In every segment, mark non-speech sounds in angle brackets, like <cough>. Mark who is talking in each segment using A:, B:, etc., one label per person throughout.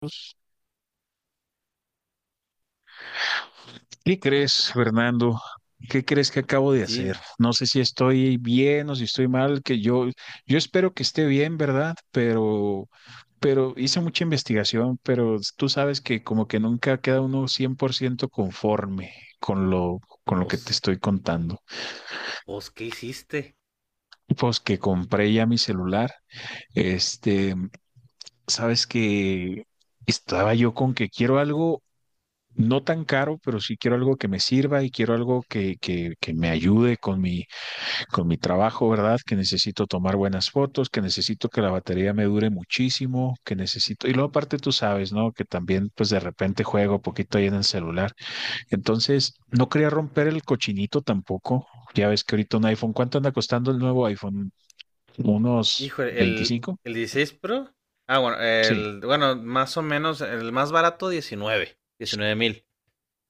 A: Pues, ¿qué crees, Fernando? ¿Qué crees que acabo de hacer?
B: Dime.
A: No sé si estoy bien o si estoy mal, que yo espero que esté bien, ¿verdad? Pero hice mucha investigación, pero tú sabes que como que nunca queda uno 100% conforme con lo, con lo que te
B: ¿Os,
A: estoy contando.
B: os qué hiciste?
A: Pues que compré ya mi celular, este, sabes que estaba yo con que quiero algo no tan caro, pero sí quiero algo que me sirva y quiero algo que me ayude con con mi trabajo, ¿verdad? Que necesito tomar buenas fotos, que necesito que la batería me dure muchísimo, que necesito, y luego aparte tú sabes, ¿no? Que también pues de repente juego poquito ahí en el celular. Entonces, no quería romper el cochinito tampoco. Ya ves que ahorita un iPhone, ¿cuánto anda costando el nuevo iPhone? ¿Unos
B: Híjole, el,
A: 25?
B: el 16 Pro. Ah, bueno,
A: Sí.
B: el, bueno, más o menos, el más barato 19 mil.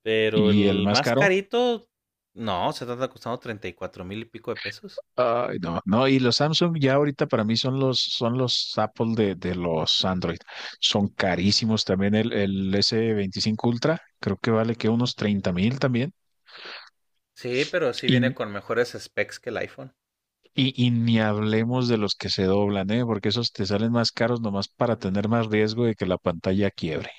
B: Pero
A: Y el
B: el
A: más
B: más
A: caro.
B: carito, no, se está costando 34,000 y pico de pesos.
A: Ay, no, no, y los Samsung ya ahorita para mí son son los Apple de los Android. Son carísimos también el S25 Ultra, creo que vale que unos 30 mil también.
B: Sí, pero sí viene
A: Y,
B: con mejores specs que el iPhone.
A: y ni hablemos de los que se doblan, ¿eh? Porque esos te salen más caros nomás para tener más riesgo de que la pantalla quiebre.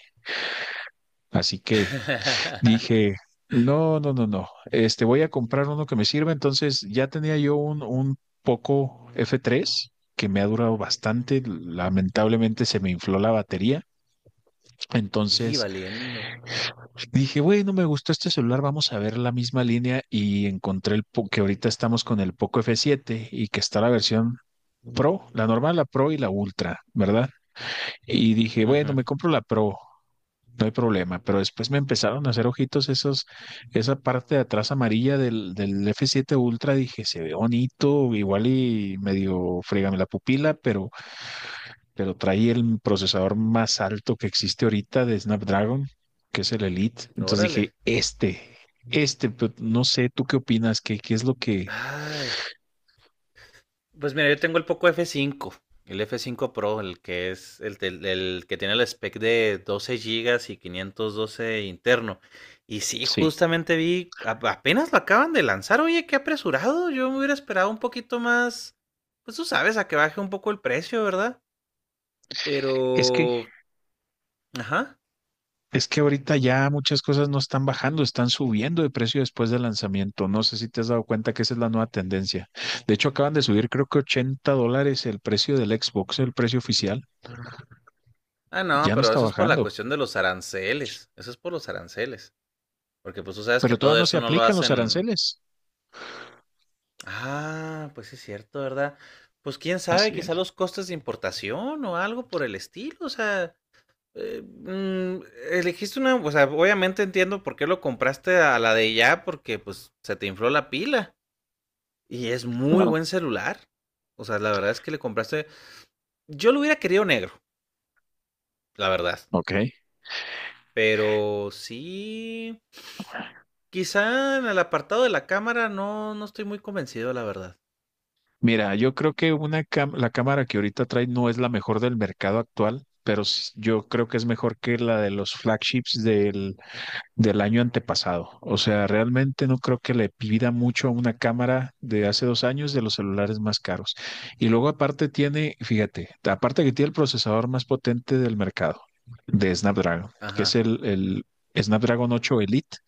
A: Así que.
B: <laughs>
A: Dije, no, no, no, no, voy a comprar uno que me sirva. Entonces ya tenía yo un Poco F3 que me ha durado bastante. Lamentablemente se me infló la batería.
B: Y
A: Entonces
B: valiendo.
A: dije, bueno, me gustó este celular, vamos a ver la misma línea y encontré que ahorita estamos con el Poco F7 y que está la versión Pro, la normal, la Pro y la Ultra, ¿verdad? Y dije, bueno,
B: Ujú.
A: me compro la Pro. No hay problema, pero después me empezaron a hacer ojitos esos, esa parte de atrás amarilla del F7 Ultra, dije, se ve bonito, igual y medio frígame la pupila, pero trae el procesador más alto que existe ahorita de Snapdragon, que es el Elite. Entonces dije,
B: Órale.
A: pero no sé, ¿tú qué opinas? ¿Qué es lo que...
B: Ay, pues mira, yo tengo el Poco F5, el F5 Pro, el que es el que tiene el spec de 12 gigas y 512 interno. Y sí,
A: Sí.
B: justamente vi, apenas lo acaban de lanzar, oye, qué apresurado. Yo me hubiera esperado un poquito más, pues tú sabes, a que baje un poco el precio, ¿verdad?
A: es que
B: Pero, ajá.
A: Es que ahorita ya muchas cosas no están bajando, están subiendo de precio después del lanzamiento. No sé si te has dado cuenta que esa es la nueva tendencia. De hecho, acaban de subir creo que $80 el precio del Xbox, el precio oficial.
B: Ah, no,
A: Ya no
B: pero
A: está
B: eso es por la
A: bajando,
B: cuestión de los aranceles. Eso es por los aranceles. Porque pues tú sabes que
A: pero todavía
B: todo
A: no se
B: eso no lo
A: aplican los
B: hacen.
A: aranceles.
B: Ah, pues sí es cierto, ¿verdad? Pues quién sabe,
A: Así
B: quizá
A: es.
B: los costes de importación o algo por el estilo, o sea, eh, mm, elegiste una, o sea, obviamente entiendo por qué lo compraste a la de ya, porque pues se te infló la pila y es muy
A: Claro.
B: buen celular. O sea, la verdad es que le compraste, yo lo hubiera querido negro, la verdad,
A: Ok.
B: pero sí, quizá en el apartado de la cámara no estoy muy convencido, la verdad.
A: Mira, yo creo que la cámara que ahorita trae no es la mejor del mercado actual, pero yo creo que es mejor que la de los flagships del año antepasado. O sea, realmente no creo que le pida mucho a una cámara de hace 2 años de los celulares más caros. Y luego aparte tiene, fíjate, aparte que tiene el procesador más potente del mercado, de Snapdragon, que es
B: Ajá.
A: el Snapdragon 8 Elite,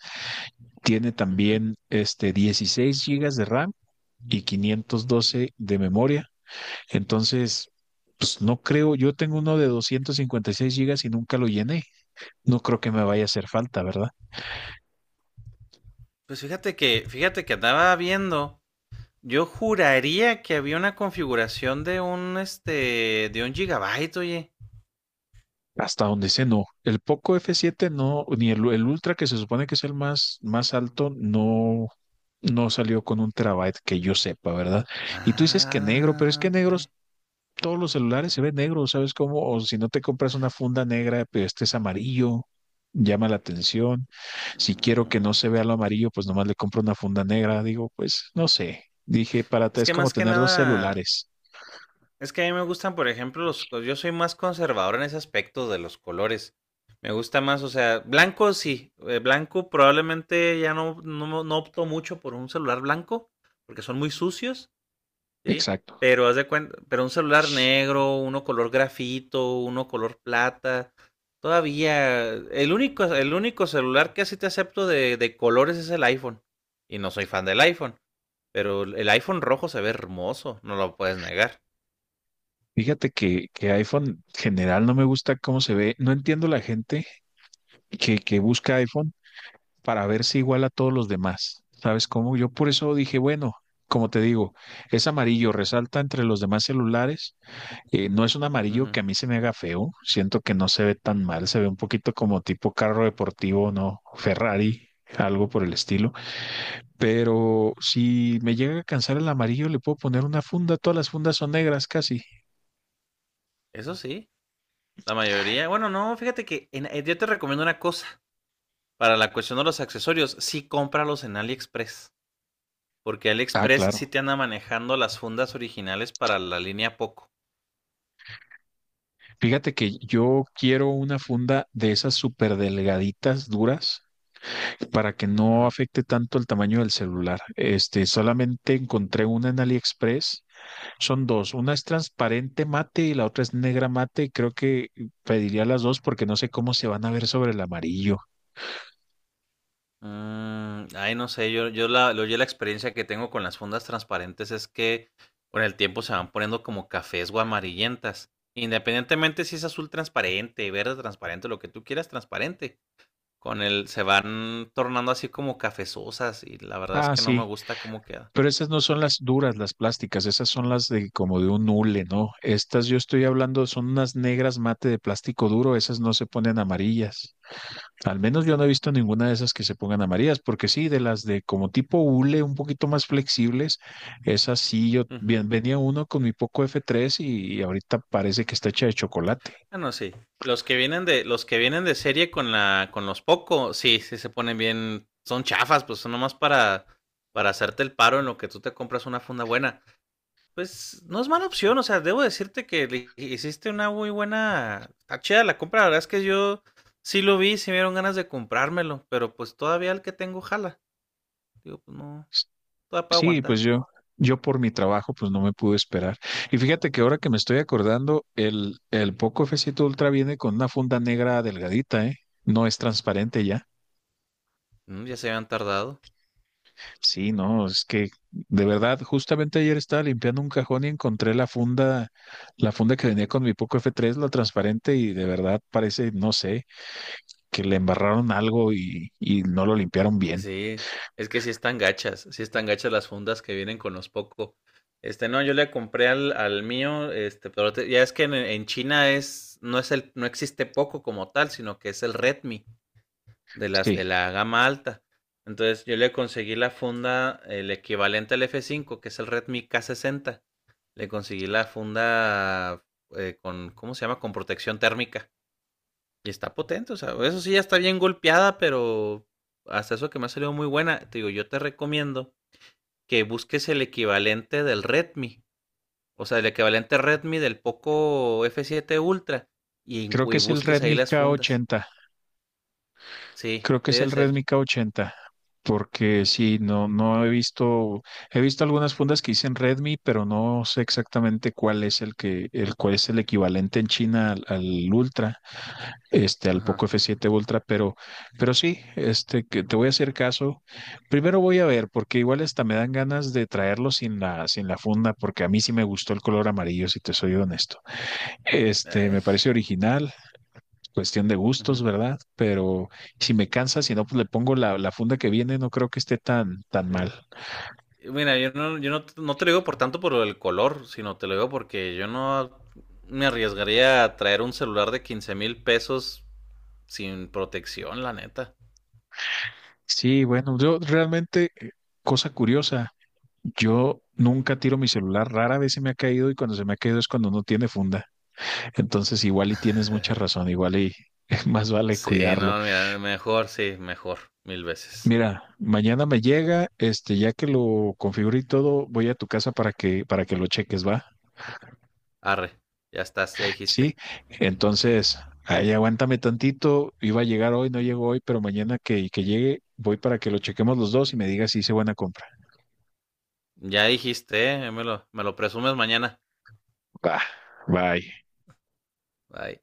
A: tiene
B: Ujú.
A: también 16 gigas de RAM y 512 de memoria. Entonces, pues no creo, yo tengo uno de 256 gigas y nunca lo llené. No creo que me vaya a hacer falta, ¿verdad?
B: Pues fíjate que, andaba viendo. Yo juraría que había una configuración de un este de un gigabyte, oye.
A: Hasta donde sé, no. El Poco F7 no, ni el Ultra, que se supone que es el más alto, no, no salió con un terabyte que yo sepa, ¿verdad? Y tú dices que negro, pero es
B: Ah,
A: que
B: ok.
A: negros, todos los celulares se ven negros, ¿sabes cómo? O si no te compras una funda negra, pero este es amarillo, llama la atención. Si quiero que no
B: Mm.
A: se vea lo amarillo, pues nomás le compro una funda negra. Digo, pues no sé. Dije, para ti
B: Es
A: es
B: que
A: como
B: más que
A: tener dos
B: nada,
A: celulares.
B: es que a mí me gustan, por ejemplo, yo soy más conservador en ese aspecto de los colores. Me gusta más, o sea, blanco sí, blanco probablemente ya no opto mucho por un celular blanco porque son muy sucios. Sí,
A: Exacto.
B: pero haz de cuenta, pero un celular negro, uno color grafito, uno color plata, todavía el único celular que así te acepto de colores es el iPhone. Y no soy fan del iPhone, pero el iPhone rojo se ve hermoso, no lo puedes negar.
A: Fíjate que iPhone general no me gusta cómo se ve. No entiendo la gente que busca iPhone para verse igual a todos los demás. ¿Sabes cómo? Yo por eso dije, bueno, como te digo, es amarillo, resalta entre los demás celulares. No es un amarillo que
B: Ujú.
A: a mí se me haga feo. Siento que no se ve tan mal. Se ve un poquito como tipo carro deportivo, ¿no? Ferrari, algo por el estilo. Pero si me llega a cansar el amarillo, le puedo poner una funda. Todas las fundas son negras casi.
B: Eso sí, la mayoría. Bueno, no, fíjate que yo te recomiendo una cosa para la cuestión de los accesorios, sí cómpralos en AliExpress, porque
A: Ah,
B: AliExpress
A: claro.
B: sí te anda manejando las fundas originales para la línea Poco.
A: Fíjate que yo quiero una funda de esas súper delgaditas, duras, para que no afecte tanto el tamaño del celular. Solamente encontré una en AliExpress. Son dos. Una es transparente mate y la otra es negra mate. Creo que pediría las dos porque no sé cómo se van a ver sobre el amarillo.
B: Ay, no sé, yo la experiencia que tengo con las fundas transparentes es que con el tiempo se van poniendo como cafés o amarillentas. Independientemente si es azul transparente, verde transparente, lo que tú quieras transparente. Con el se van tornando así como cafezosas y la verdad es
A: Ah,
B: que no me
A: sí.
B: gusta cómo queda.
A: Pero esas no son las duras, las plásticas. Esas son las de como de un hule, ¿no? Estas yo estoy hablando son unas negras mate de plástico duro. Esas no se ponen amarillas. Al menos yo no he visto ninguna de esas que se pongan amarillas, porque sí, de las de como tipo hule, un poquito más flexibles, esas sí, yo
B: Ujú.
A: bien, venía uno con mi Poco F3 y ahorita parece que está hecha de chocolate.
B: Ah, no, sí. Los que vienen de serie con con los Poco, sí, sí se ponen bien, son chafas, pues son nomás para hacerte el paro en lo que tú te compras una funda buena. Pues no es mala opción, o sea, debo decirte que le hiciste una muy buena. Está chida la compra, la verdad es que yo sí lo vi, sí me dieron ganas de comprármelo, pero pues todavía el que tengo jala. Digo, pues no, todavía puedo
A: Sí, pues
B: aguantar.
A: yo por mi trabajo, pues no me pude esperar. Y fíjate que ahora que me estoy acordando, el Poco f siete Ultra viene con una funda negra delgadita, ¿eh? No es transparente ya.
B: Ya se habían tardado.
A: Sí, no, es que de verdad, justamente ayer estaba limpiando un cajón y encontré la funda que venía con mi Poco F3, la transparente, y de verdad parece, no sé, que le embarraron algo y no lo limpiaron bien.
B: Sí, es que sí están gachas las fundas que vienen con los Poco. No, yo le compré al mío, ya es que en China es, no es el, no existe Poco como tal, sino que es el Redmi, de las de
A: Sí,
B: la gama alta. Entonces yo le conseguí la funda, el equivalente al F5 que es el Redmi K60. Le conseguí la funda ¿cómo se llama? Con protección térmica. Y está potente, o sea, eso sí ya está bien golpeada, pero hasta eso que me ha salido muy buena. Te digo, yo te recomiendo que busques el equivalente del Redmi. O sea, el equivalente Redmi del Poco F7 Ultra. Y,
A: creo que
B: y
A: es el
B: busques ahí
A: Redmi
B: las fundas.
A: K80.
B: Sí,
A: Creo que es
B: debe
A: el
B: ser.
A: Redmi K80, porque sí, no, no he visto, he visto algunas fundas que dicen Redmi, pero no sé exactamente cuál es el que, el cuál es el equivalente en China al Ultra. Al Poco
B: Ajá.
A: F7 Ultra, pero sí, que te voy a hacer caso. Primero voy a ver, porque igual hasta me dan ganas de traerlo sin la funda, porque a mí sí me gustó el color amarillo, si te soy honesto. Me
B: Ay.
A: parece original, cuestión de
B: Uh
A: gustos,
B: -huh.
A: ¿verdad? Pero si me cansa, si no, pues le pongo la funda que viene, no creo que esté tan, tan
B: Sí.
A: mal.
B: Y mira, yo no te lo digo por tanto por el color, sino te lo digo porque yo no me arriesgaría a traer un celular de 15,000 pesos sin protección, la neta.
A: Sí, bueno, yo realmente, cosa curiosa, yo nunca tiro mi celular, rara vez se me ha caído y cuando se me ha caído es cuando no tiene funda. Entonces, igual y tienes mucha razón, igual y <laughs> más vale
B: Sí,
A: cuidarlo.
B: no, mira, mejor, sí, mejor, mil veces.
A: Mira, mañana me llega, ya que lo configure y todo, voy a tu casa para que lo cheques, ¿va?
B: Arre, ya estás, ya
A: Sí,
B: dijiste.
A: entonces, ahí aguántame tantito, iba a llegar hoy, no llegó hoy, pero mañana que llegue, voy para que lo chequemos los dos y me digas si hice buena compra.
B: Ya dijiste, ¿eh? Me lo presumes mañana.
A: Va, bye.
B: Bye.